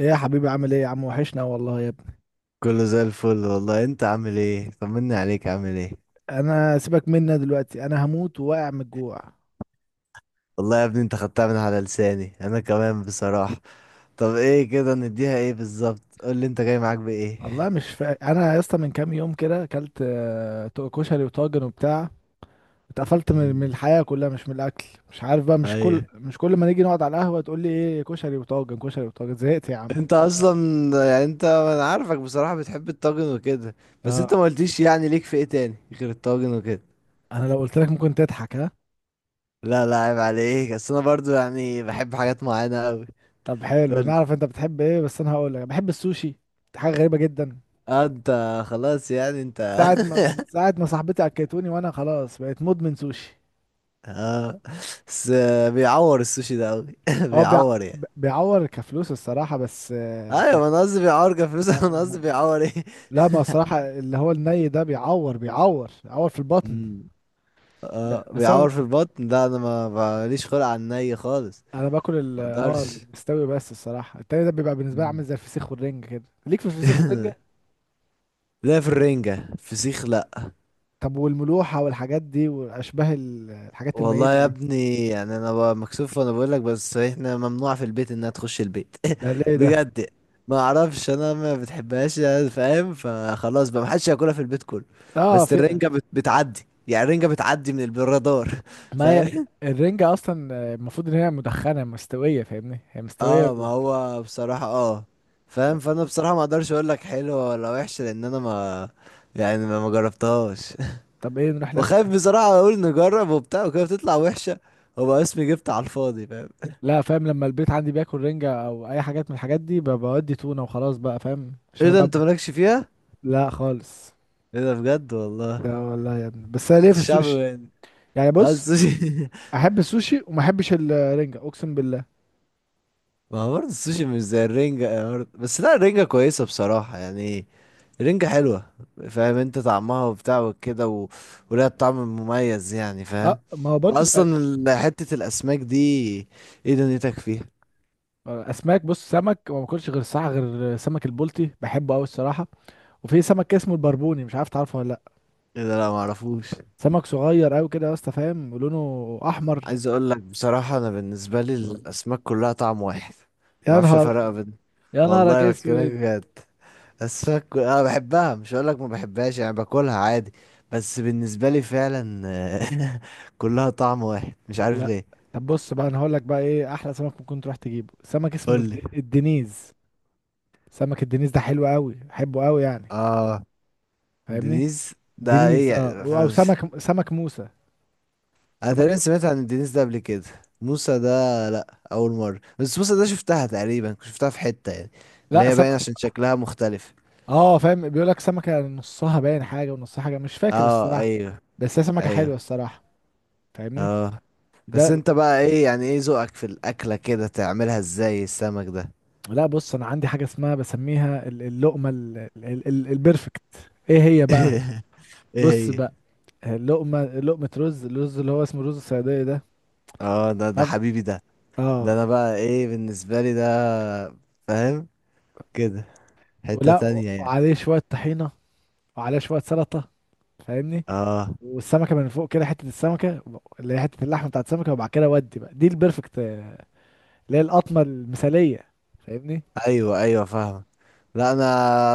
ايه يا حبيبي، عامل ايه يا عم؟ وحشنا والله يا ابني. كله زي الفل والله. انت عامل ايه؟ طمني عليك، عامل ايه؟ انا سيبك منا دلوقتي، انا هموت وواقع من الجوع. والله يا ابني انت خدتها من على لساني، انا كمان بصراحة. طب ايه كده، نديها ايه بالظبط؟ قول لي، انت جاي معاك بايه؟ والله مش انا يا اسطى، من كام يوم كده اكلت كشري وطاجن وبتاع. اتقفلت من مم. الحياه كلها، مش من الاكل. مش عارف بقى، مش كل ايوه. مش كل ما نيجي نقعد على القهوه تقول لي ايه، كشري وطاجن كشري وطاجن، زهقت يا عم. انت اصلا. يعني انت، انا عارفك بصراحة بتحب الطاجن وكده. بس اه، انت ما قلتيش يعني ليك في ايه تاني غير الطاجن وكده. انا لو قلت لك ممكن تضحك، ها؟ لا لا، عيب عليك. بس انا برضو يعني بحب حاجات معينة قوي. طب حلو، قول لي. نعرف انت بتحب ايه، بس انا هقول لك: بحب السوشي. دي حاجه غريبه جدا. اه. انت خلاص، يعني انت. ساعة ما صاحبتي اكلتوني، وانا خلاص بقيت مدمن سوشي. اه بس. بيعور السوشي ده قوي هو بيعور يعني. بيعور كفلوس الصراحة، بس ايوه، كانت. ما انا قصدي بيعور كفلوس ما... انا قصدي ما... بيعور ايه. لا، ما الصراحة اللي هو الني ده بيعور في البطن. امم اه، بس انا بيعور في البطن ده. انا ما ماليش خلق على الني خالص. باكل ال ما اه اقدرش. المستوي، بس الصراحة التاني ده بيبقى بالنسبة لي عامل أمم. زي الفسيخ والرنجة كده. ليك في الفسيخ والرنجة؟ لا، في الرنجة فسيخ؟ لا. طب والملوحة والحاجات دي واشباه الحاجات والله الميتة يا دي؟ ابني، يعني انا بقى مكسوف وانا بقول لك، بس احنا ممنوع في البيت انها تخش البيت. ده ليه ده؟ بجد. ما اعرفش، انا ما بتحبهاش يعني، فاهم؟ فخلاص بقى محدش ياكلها في البيت كله. اه، بس في. الرنجة بتعدي، يعني الرنجة بتعدي من الرادار. ما هي فاهم. الرنجة اصلا المفروض ان هي مدخنة مستوية، فاهمني؟ هي مستوية. اه ما هو بصراحة فاهم. فانا بصراحة ما اقدرش اقول لك حلوة ولا وحشة لان انا ما، يعني ما جربتهاش. طب ايه، نروح ناكل؟ وخايف بصراحة اقول نجرب وبتاع وكده بتطلع وحشة، وبقى اسمي جبت على الفاضي، فاهم؟ لا فاهم، لما البيت عندي بياكل رنجة او اي حاجات من الحاجات دي بودي تونة وخلاص بقى، فاهم؟ عشان ايه ده، انا انت ببقى. مالكش فيها؟ لا خالص. ايه ده بجد والله. ده والله يا ابني، بس انا ليه في الشعب السوشي. يعني. يعني اه، بص، السوشي. احب السوشي وما احبش الرنجة، اقسم بالله. ما هو برضه السوشي مش زي الرنجة يعني برضه. بس لا، الرنجة كويسة بصراحة يعني. الرنجة حلوة. فاهم انت طعمها وبتاع وكده و... ولها طعم مميز يعني، فاهم؟ اه، ما هو برضه اصلا حتة الاسماك دي، ايه دنيتك فيها؟ اسماك. بص، سمك وما باكلش غير الصراحة غير سمك البلطي، بحبه قوي الصراحة. وفي سمك كده اسمه البربوني، مش عارف تعرفه ولا لا؟ ايه ده، لا معرفوش. سمك صغير قوي كده يا اسطى، فاهم؟ ولونه احمر. عايز اقول لك بصراحة، انا بالنسبة لي الاسماك كلها طعم واحد. يا معرفش نهار، افرق بين. يا نهارك والله بكلمك اسود. بجد. السك انا بحبها، مش هقول لك ما بحبهاش يعني، باكلها عادي. بس بالنسبه لي فعلا كلها طعم واحد، مش عارف لا. ليه. طب بص بقى، انا هقول لك بقى ايه احلى سمك ممكن تروح تجيبه: سمك اسمه قول لي. الدنيز. سمك الدنيز ده حلو قوي، بحبه قوي يعني. اه. فاهمني؟ دينيز. ده ايه دنيز، اه. يعني او سمك موسى. انا ده تقريبا برضه. سمعت عن الدينيز ده قبل كده. موسى ده؟ لا اول مره. بس موسى ده شفتها تقريبا، كنت شفتها في حته يعني، اللي لا، هي باين عشان شكلها مختلف. اه فاهم، بيقول لك سمكه نصها باين حاجه ونصها حاجه، مش فاكر اه الصراحه. ايوه بس هي سمكه ايوه حلوه الصراحه. فاهمني؟ اه. بس ده. انت بقى ايه يعني، ايه ذوقك في الاكله كده؟ تعملها ازاي السمك ده؟ لا بص، انا عندي حاجه اسمها بسميها اللقمه البرفكت. ايه هي بقى؟ ايه بص هي؟ بقى، اللقمه، لقمه الرز اللي هو اسمه رز الصياديه ده. اه، ده ده طب- حبيبي ده. ده اه. انا بقى ايه بالنسبة لي ده، فاهم؟ كده حتة تانية يعني. وعليه شوية طحينة، وعليه شوية سلطة. فاهمني؟ اه والسمكة من فوق كده حتة السمكة، اللي هي حتة اللحم بتاعت السمكة، وبعد كده ودي بقى دي البرفكت، اللي هي القطمة المثالية. فاهمني؟ ايوه ايوه فاهم. لا انا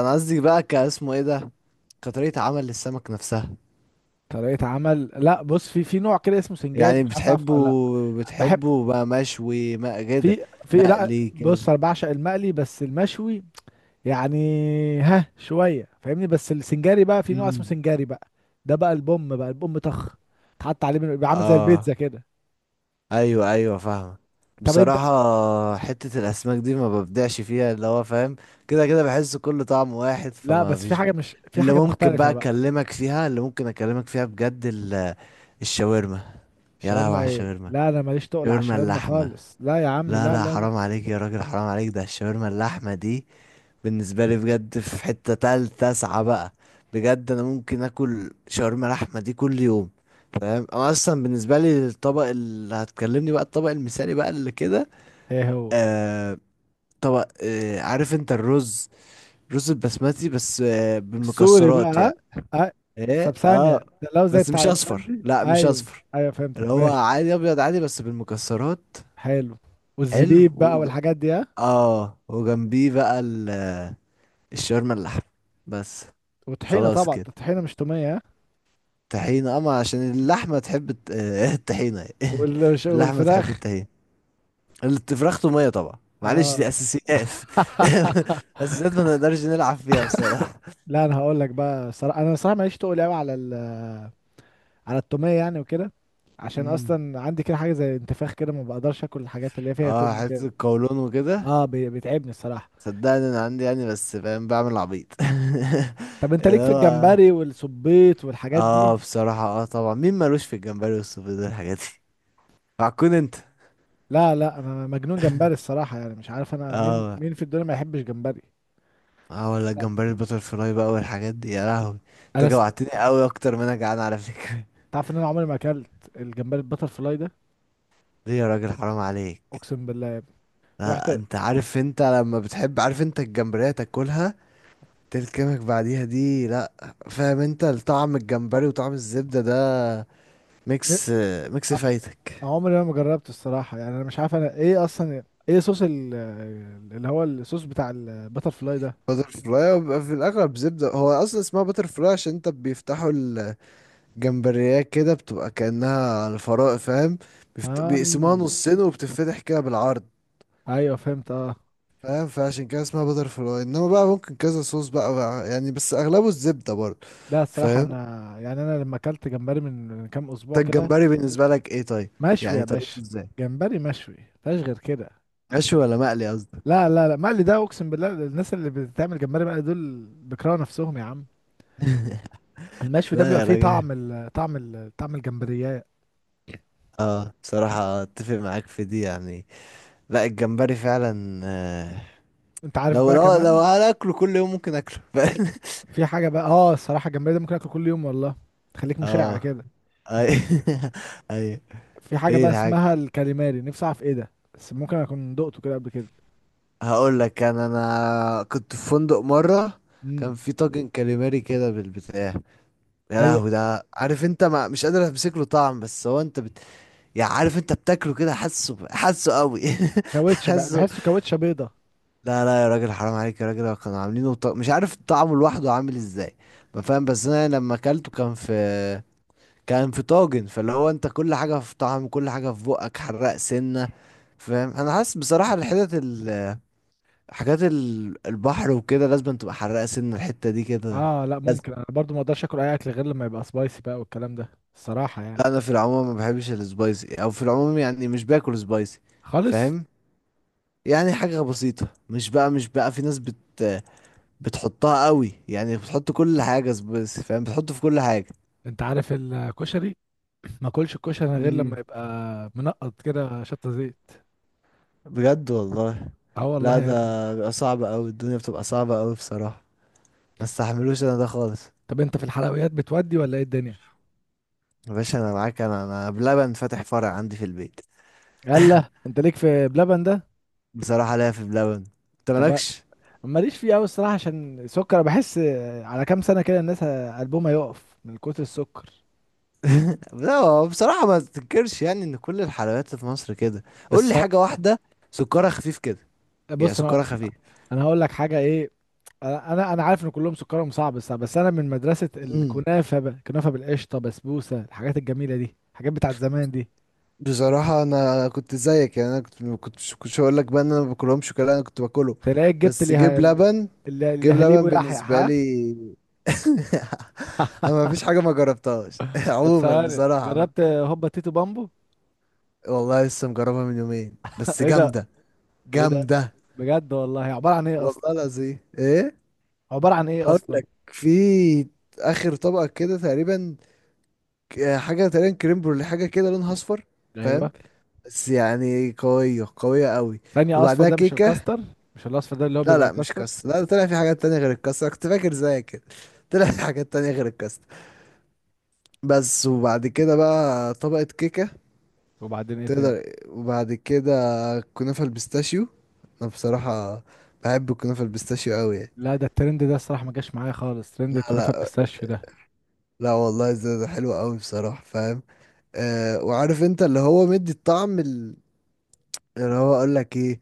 انا قصدي بقى كاسمه ايه ده، كطريقة عمل للسمك نفسها. طريقة عمل، لا بص، في نوع كده اسمه سنجاري، يعني مش عارف تعرفه بتحبه؟ ولا لا؟ بحب. بتحبه بقى مشوي ما كده؟ في في لا مقلي كده. بص، انا بعشق المقلي بس المشوي يعني. ها شوية، فاهمني؟ بس السنجاري بقى، في نوع اسمه امم سنجاري بقى. ده بقى البوم، طخ. تحط عليه بيبقى عامل زي البيتزا اه كده. ايوه ايوه فاهمة. طب انت. بصراحة حتة الاسماك دي ما ببدعش فيها اللي هو، فاهم؟ كده كده بحس كل طعم واحد لا فما بس في فيش حاجة بيه. مش في حاجة مختلفة بقى. اللي ممكن اكلمك فيها بجد الشاورما. يا لهوي الشاورما على ايه؟ الشاورما، لا انا ماليش تقل على شاورما الشاورما اللحمة. خالص، لا يا عم، لا لا لا، لا لا. حرام عليك يا راجل، حرام عليك. ده الشاورما اللحمة دي بالنسبة لي بجد في حتة تالتة تسعة بقى. بجد أنا ممكن آكل شاورما لحمة دي كل يوم. فاهم؟ أنا أصلا بالنسبة لي الطبق اللي هتكلمني بقى الطبق المثالي بقى اللي كده. ايه هو؟ آه طبق، عارف أنت الرز، رز البسمتي بس السوري بقى، بالمكسرات ها؟ يعني. أه؟ طب إيه. ثانية، ده لو زي بس بتاع مش أصفر، البندي، لا مش ايوه. أصفر. ايوه اللي فهمتك، هو ماشي. عادي أبيض عادي بس بالمكسرات. حلو. والزبيب بقى حلو. والحاجات دي، ها؟ اه وجنبيه بقى الشاورما اللحم بس. وطحينة خلاص طبعا، كده. الطحينة مش تومية، ها؟ طحينة اما عشان اللحمة تحب الطحينة إيه. اللحمة تحب والفراخ. الطحينة. الفراخ تومية طبعا، معلش دي اه. اساسيات. اساسيات ما نقدرش نلعب فيها بصراحة. لا انا هقول لك بقى صراحة، انا صراحة ماليش تقل قوي على التومية يعني وكده. عشان مم. اصلا عندي كده حاجة زي انتفاخ كده، ما بقدرش اكل الحاجات اللي هي فيها اه توم حتة وكده. القولون وكده. اه، بيتعبني الصراحه. صدقني انا عندي يعني بس فاهم بعمل عبيط. طب انت اللي ليك في هو. الجمبري والسبيط والحاجات دي؟ اه بصراحة، طبعا مين مالوش في الجمبري والسوفيتي والحاجات دي؟ عكون انت. لا لا، انا مجنون جمبري الصراحه يعني، مش عارف انا مين اه. مين في الدنيا ما يحبش جمبري. اه، ولا الجمبري البتر فلاي بقى والحاجات دي يا لهوي. انت انا جوعتني قوي اكتر ما انا جعان على فكرة. تعرف ان انا عمري ما اكلت الجمبري البتر فلاي ده. ليه يا راجل، حرام عليك. اقسم بالله يا ابني. رحت. لا انت عارف، انت لما بتحب، عارف انت الجمبرية تاكلها تلكمك بعديها دي؟ لا. فاهم انت طعم أ- الجمبري وطعم الزبدة ده، ن- ميكس ميكس أ- فايتك. عمري ما جربت الصراحه يعني، انا مش عارف انا ايه اصلا. ايه صوص اللي هو الصوص بتاع البتر فلاي ده؟ بتر فلاي، وبيبقى في الاغلب زبدة. هو اصلا اسمها بتر فلاي عشان انت بيفتحوا الجمبريات كده، بتبقى كأنها الفراء، فاهم؟ آه. بيقسموها نصين وبتتفتح كده بالعرض، ايوه فهمت، اه. فاهم؟ فعشان كده اسمها بتر فلاي. انما بقى ممكن كذا صوص بقى يعني، بس اغلبه الزبده برضه، لا الصراحه فاهم؟ انا. يعني انا لما اكلت جمبري من كام انت اسبوع كده. الجمبري بالنسبه لك ايه طيب؟ مشوي يا يعني باشا. طريقته ازاي؟ جمبري مشوي، مفيهاش غير كده. مشوي جم... ولا مقلي قصدك؟ لا لا لا، مقلي ده اقسم بالله، الناس اللي بتعمل جمبري مقلي دول بيكرهوا نفسهم يا عم. المشوي ده لا بيبقى يا فيه راجل. طعم الجمبريات. اه بصراحه اتفق معاك في دي يعني. لا الجمبري فعلا. انت عارف لو بقى لو لو كمان. هاكله كل يوم ممكن اكله فاهم؟ في حاجه بقى، الصراحه الجمبري ده ممكن اكله كل يوم والله. تخليك مشاع اه كده. اي. انت. اي. في حاجه ايه بقى الحاجه؟ اسمها الكاليماري، نفسي اعرف ايه ده، بس ممكن اكون دقته كده قبل كده. هقول لك، انا كنت في فندق مره. امم. كان في طاجن كاليماري كده بالبتاع. يا ايوه. لهوي ده، عارف انت ما مش قادر امسك له طعم، بس هو انت بت... يعني عارف انت بتاكله كده، حاسه حاسه قوي. كاوتشه بقى، حاسه. بحسه كاوتشه بيضه. لا لا يا راجل، حرام عليك يا راجل. كانوا عاملينه مش عارف طعمه لوحده عامل ازاي. ما فاهم، بس انا لما اكلته كان في، طاجن فاللي هو انت كل حاجه في طعم، كل حاجه في بقك حراق سنه. فاهم؟ انا حاسس بصراحه الحتت ال... حاجات ال... البحر وكده لازم تبقى حراقه سنه الحته دي كده. اه، لا ممكن، انا برضو ما اقدرش اكل اي اكل غير لما يبقى سبايسي بقى والكلام ده. الصراحه يعني. لا انا في العموم ما بحبش السبايسي، او في العموم يعني مش باكل سبايسي، خالص. فاهم؟ يعني حاجه بسيطه، مش بقى في ناس بت، بتحطها قوي يعني، بتحط كل حاجه سبايسي فاهم، بتحط في كل حاجه. انت عارف الكشري؟ ما اكلش الكشري غير لما امم يبقى منقط كده شطه زيت. بجد والله؟ اه والله لا يا ابني. ده بيبقى صعب قوي، الدنيا بتبقى صعبه قوي بصراحه، ما استحملوش انا ده خالص. طب انت في الحلويات بتودي ولا ايه الدنيا؟ يا باشا انا معاك، انا بلبن فاتح فرع عندي في البيت. يلا، انت ليك في بلبن ده؟ بصراحه ليا في بلبن، انت طب، مالكش؟ ماليش فيه قوي الصراحه، عشان السكر بحس. على كام سنه كده الناس قلبهم هيقف من كتر السكر. لا هو بصراحة ما تنكرش يعني ان كل الحلويات في مصر كده. قول بس لي حاجة واحدة سكرها خفيف كده، يعني بص انا، سكرها خفيف. انا هقول لك حاجه ايه. انا انا أنا عارف ان كلهم سكرهم صعب، بس انا من مدرسه امم الكنافه بقى، كنافه بالقشطه بسبوسه، الحاجات الجميله دي، الحاجات بتاعت زمان دي. بصراحة أنا كنت زيك يعني. أنا كنت، ما كنتش هقول لك بقى إن أنا ما باكلهمش كده، أنا كنت باكله. تلاقيك جبت بس جيب لبن، اللي هليبو يحيى، بالنسبة ها؟ لي. أنا ما فيش حاجة ما جربتهاش طب عموما ثواني بصراحة. جربت هوبا تيتو بامبو؟ والله لسه مجربها من يومين بس ايه ده؟ جامدة. ايه ده جامدة. بجد والله؟ عبارة عن ايه اصلا؟ والله العظيم إيه. عبارة عن ايه هقول اصلا؟ لك، في آخر طبقة كده تقريبا حاجة تقريبا كريم برولي، حاجة كده لونها أصفر، فاهم؟ ايوه. بس يعني قوية قوية قوي. ثانية، اصفر وبعدها ده مش كيكة. الكاستر؟ مش الاصفر ده اللي هو لا بيبقى لا مش الكاستر؟ كاستر لا. طلع في حاجات تانية غير الكاستر، أنا كنت فاكر زيك كده. طلع في حاجات تانية غير الكاستر. بس وبعد كده بقى طبقة كيكة وبعدين ايه تاني؟ تقدر. وبعد كده كنافة البيستاشيو. أنا بصراحة بحب الكنافة البيستاشيو أوي يعني. لا ده الترند ده الصراحة ما جاش معايا خالص، ترند لا الكنافة لا بالبيستاشيو ده. لا والله، ده حلو أوي بصراحة، فاهم؟ وعارف أنت اللي هو مدي الطعم اللي هو أقول لك إيه.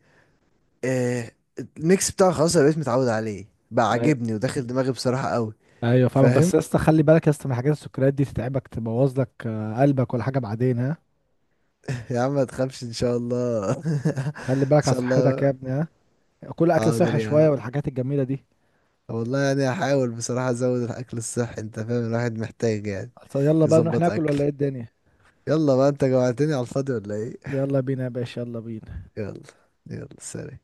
آه الميكس بتاعه خلاص، انا بقيت متعود عليه بقى، أي- عاجبني وداخل دماغي بصراحة قوي. ايوه فاهمك، فاهم. بس يا اسطى خلي بالك يا اسطى من حاجات السكريات دي، تتعبك، تبوظ لك قلبك ولا حاجة بعدين، ها؟ يا عم ما تخافش ان شاء الله. خلي ان بالك على شاء صحتك الله. يا ابني، ها؟ كل اكل حاضر صحي يا شوية عم، والحاجات الجميلة دي. والله يعني هحاول بصراحة ازود الاكل الصحي، انت فاهم الواحد محتاج يعني طب يلا بقى نروح يظبط ناكل اكل. ولا ايه الدنيا؟ يلا بقى، انت جوعتني على الفاضي ولا ايه؟ يلا بينا يا باشا، يلا بينا. يلا. يلا سلام.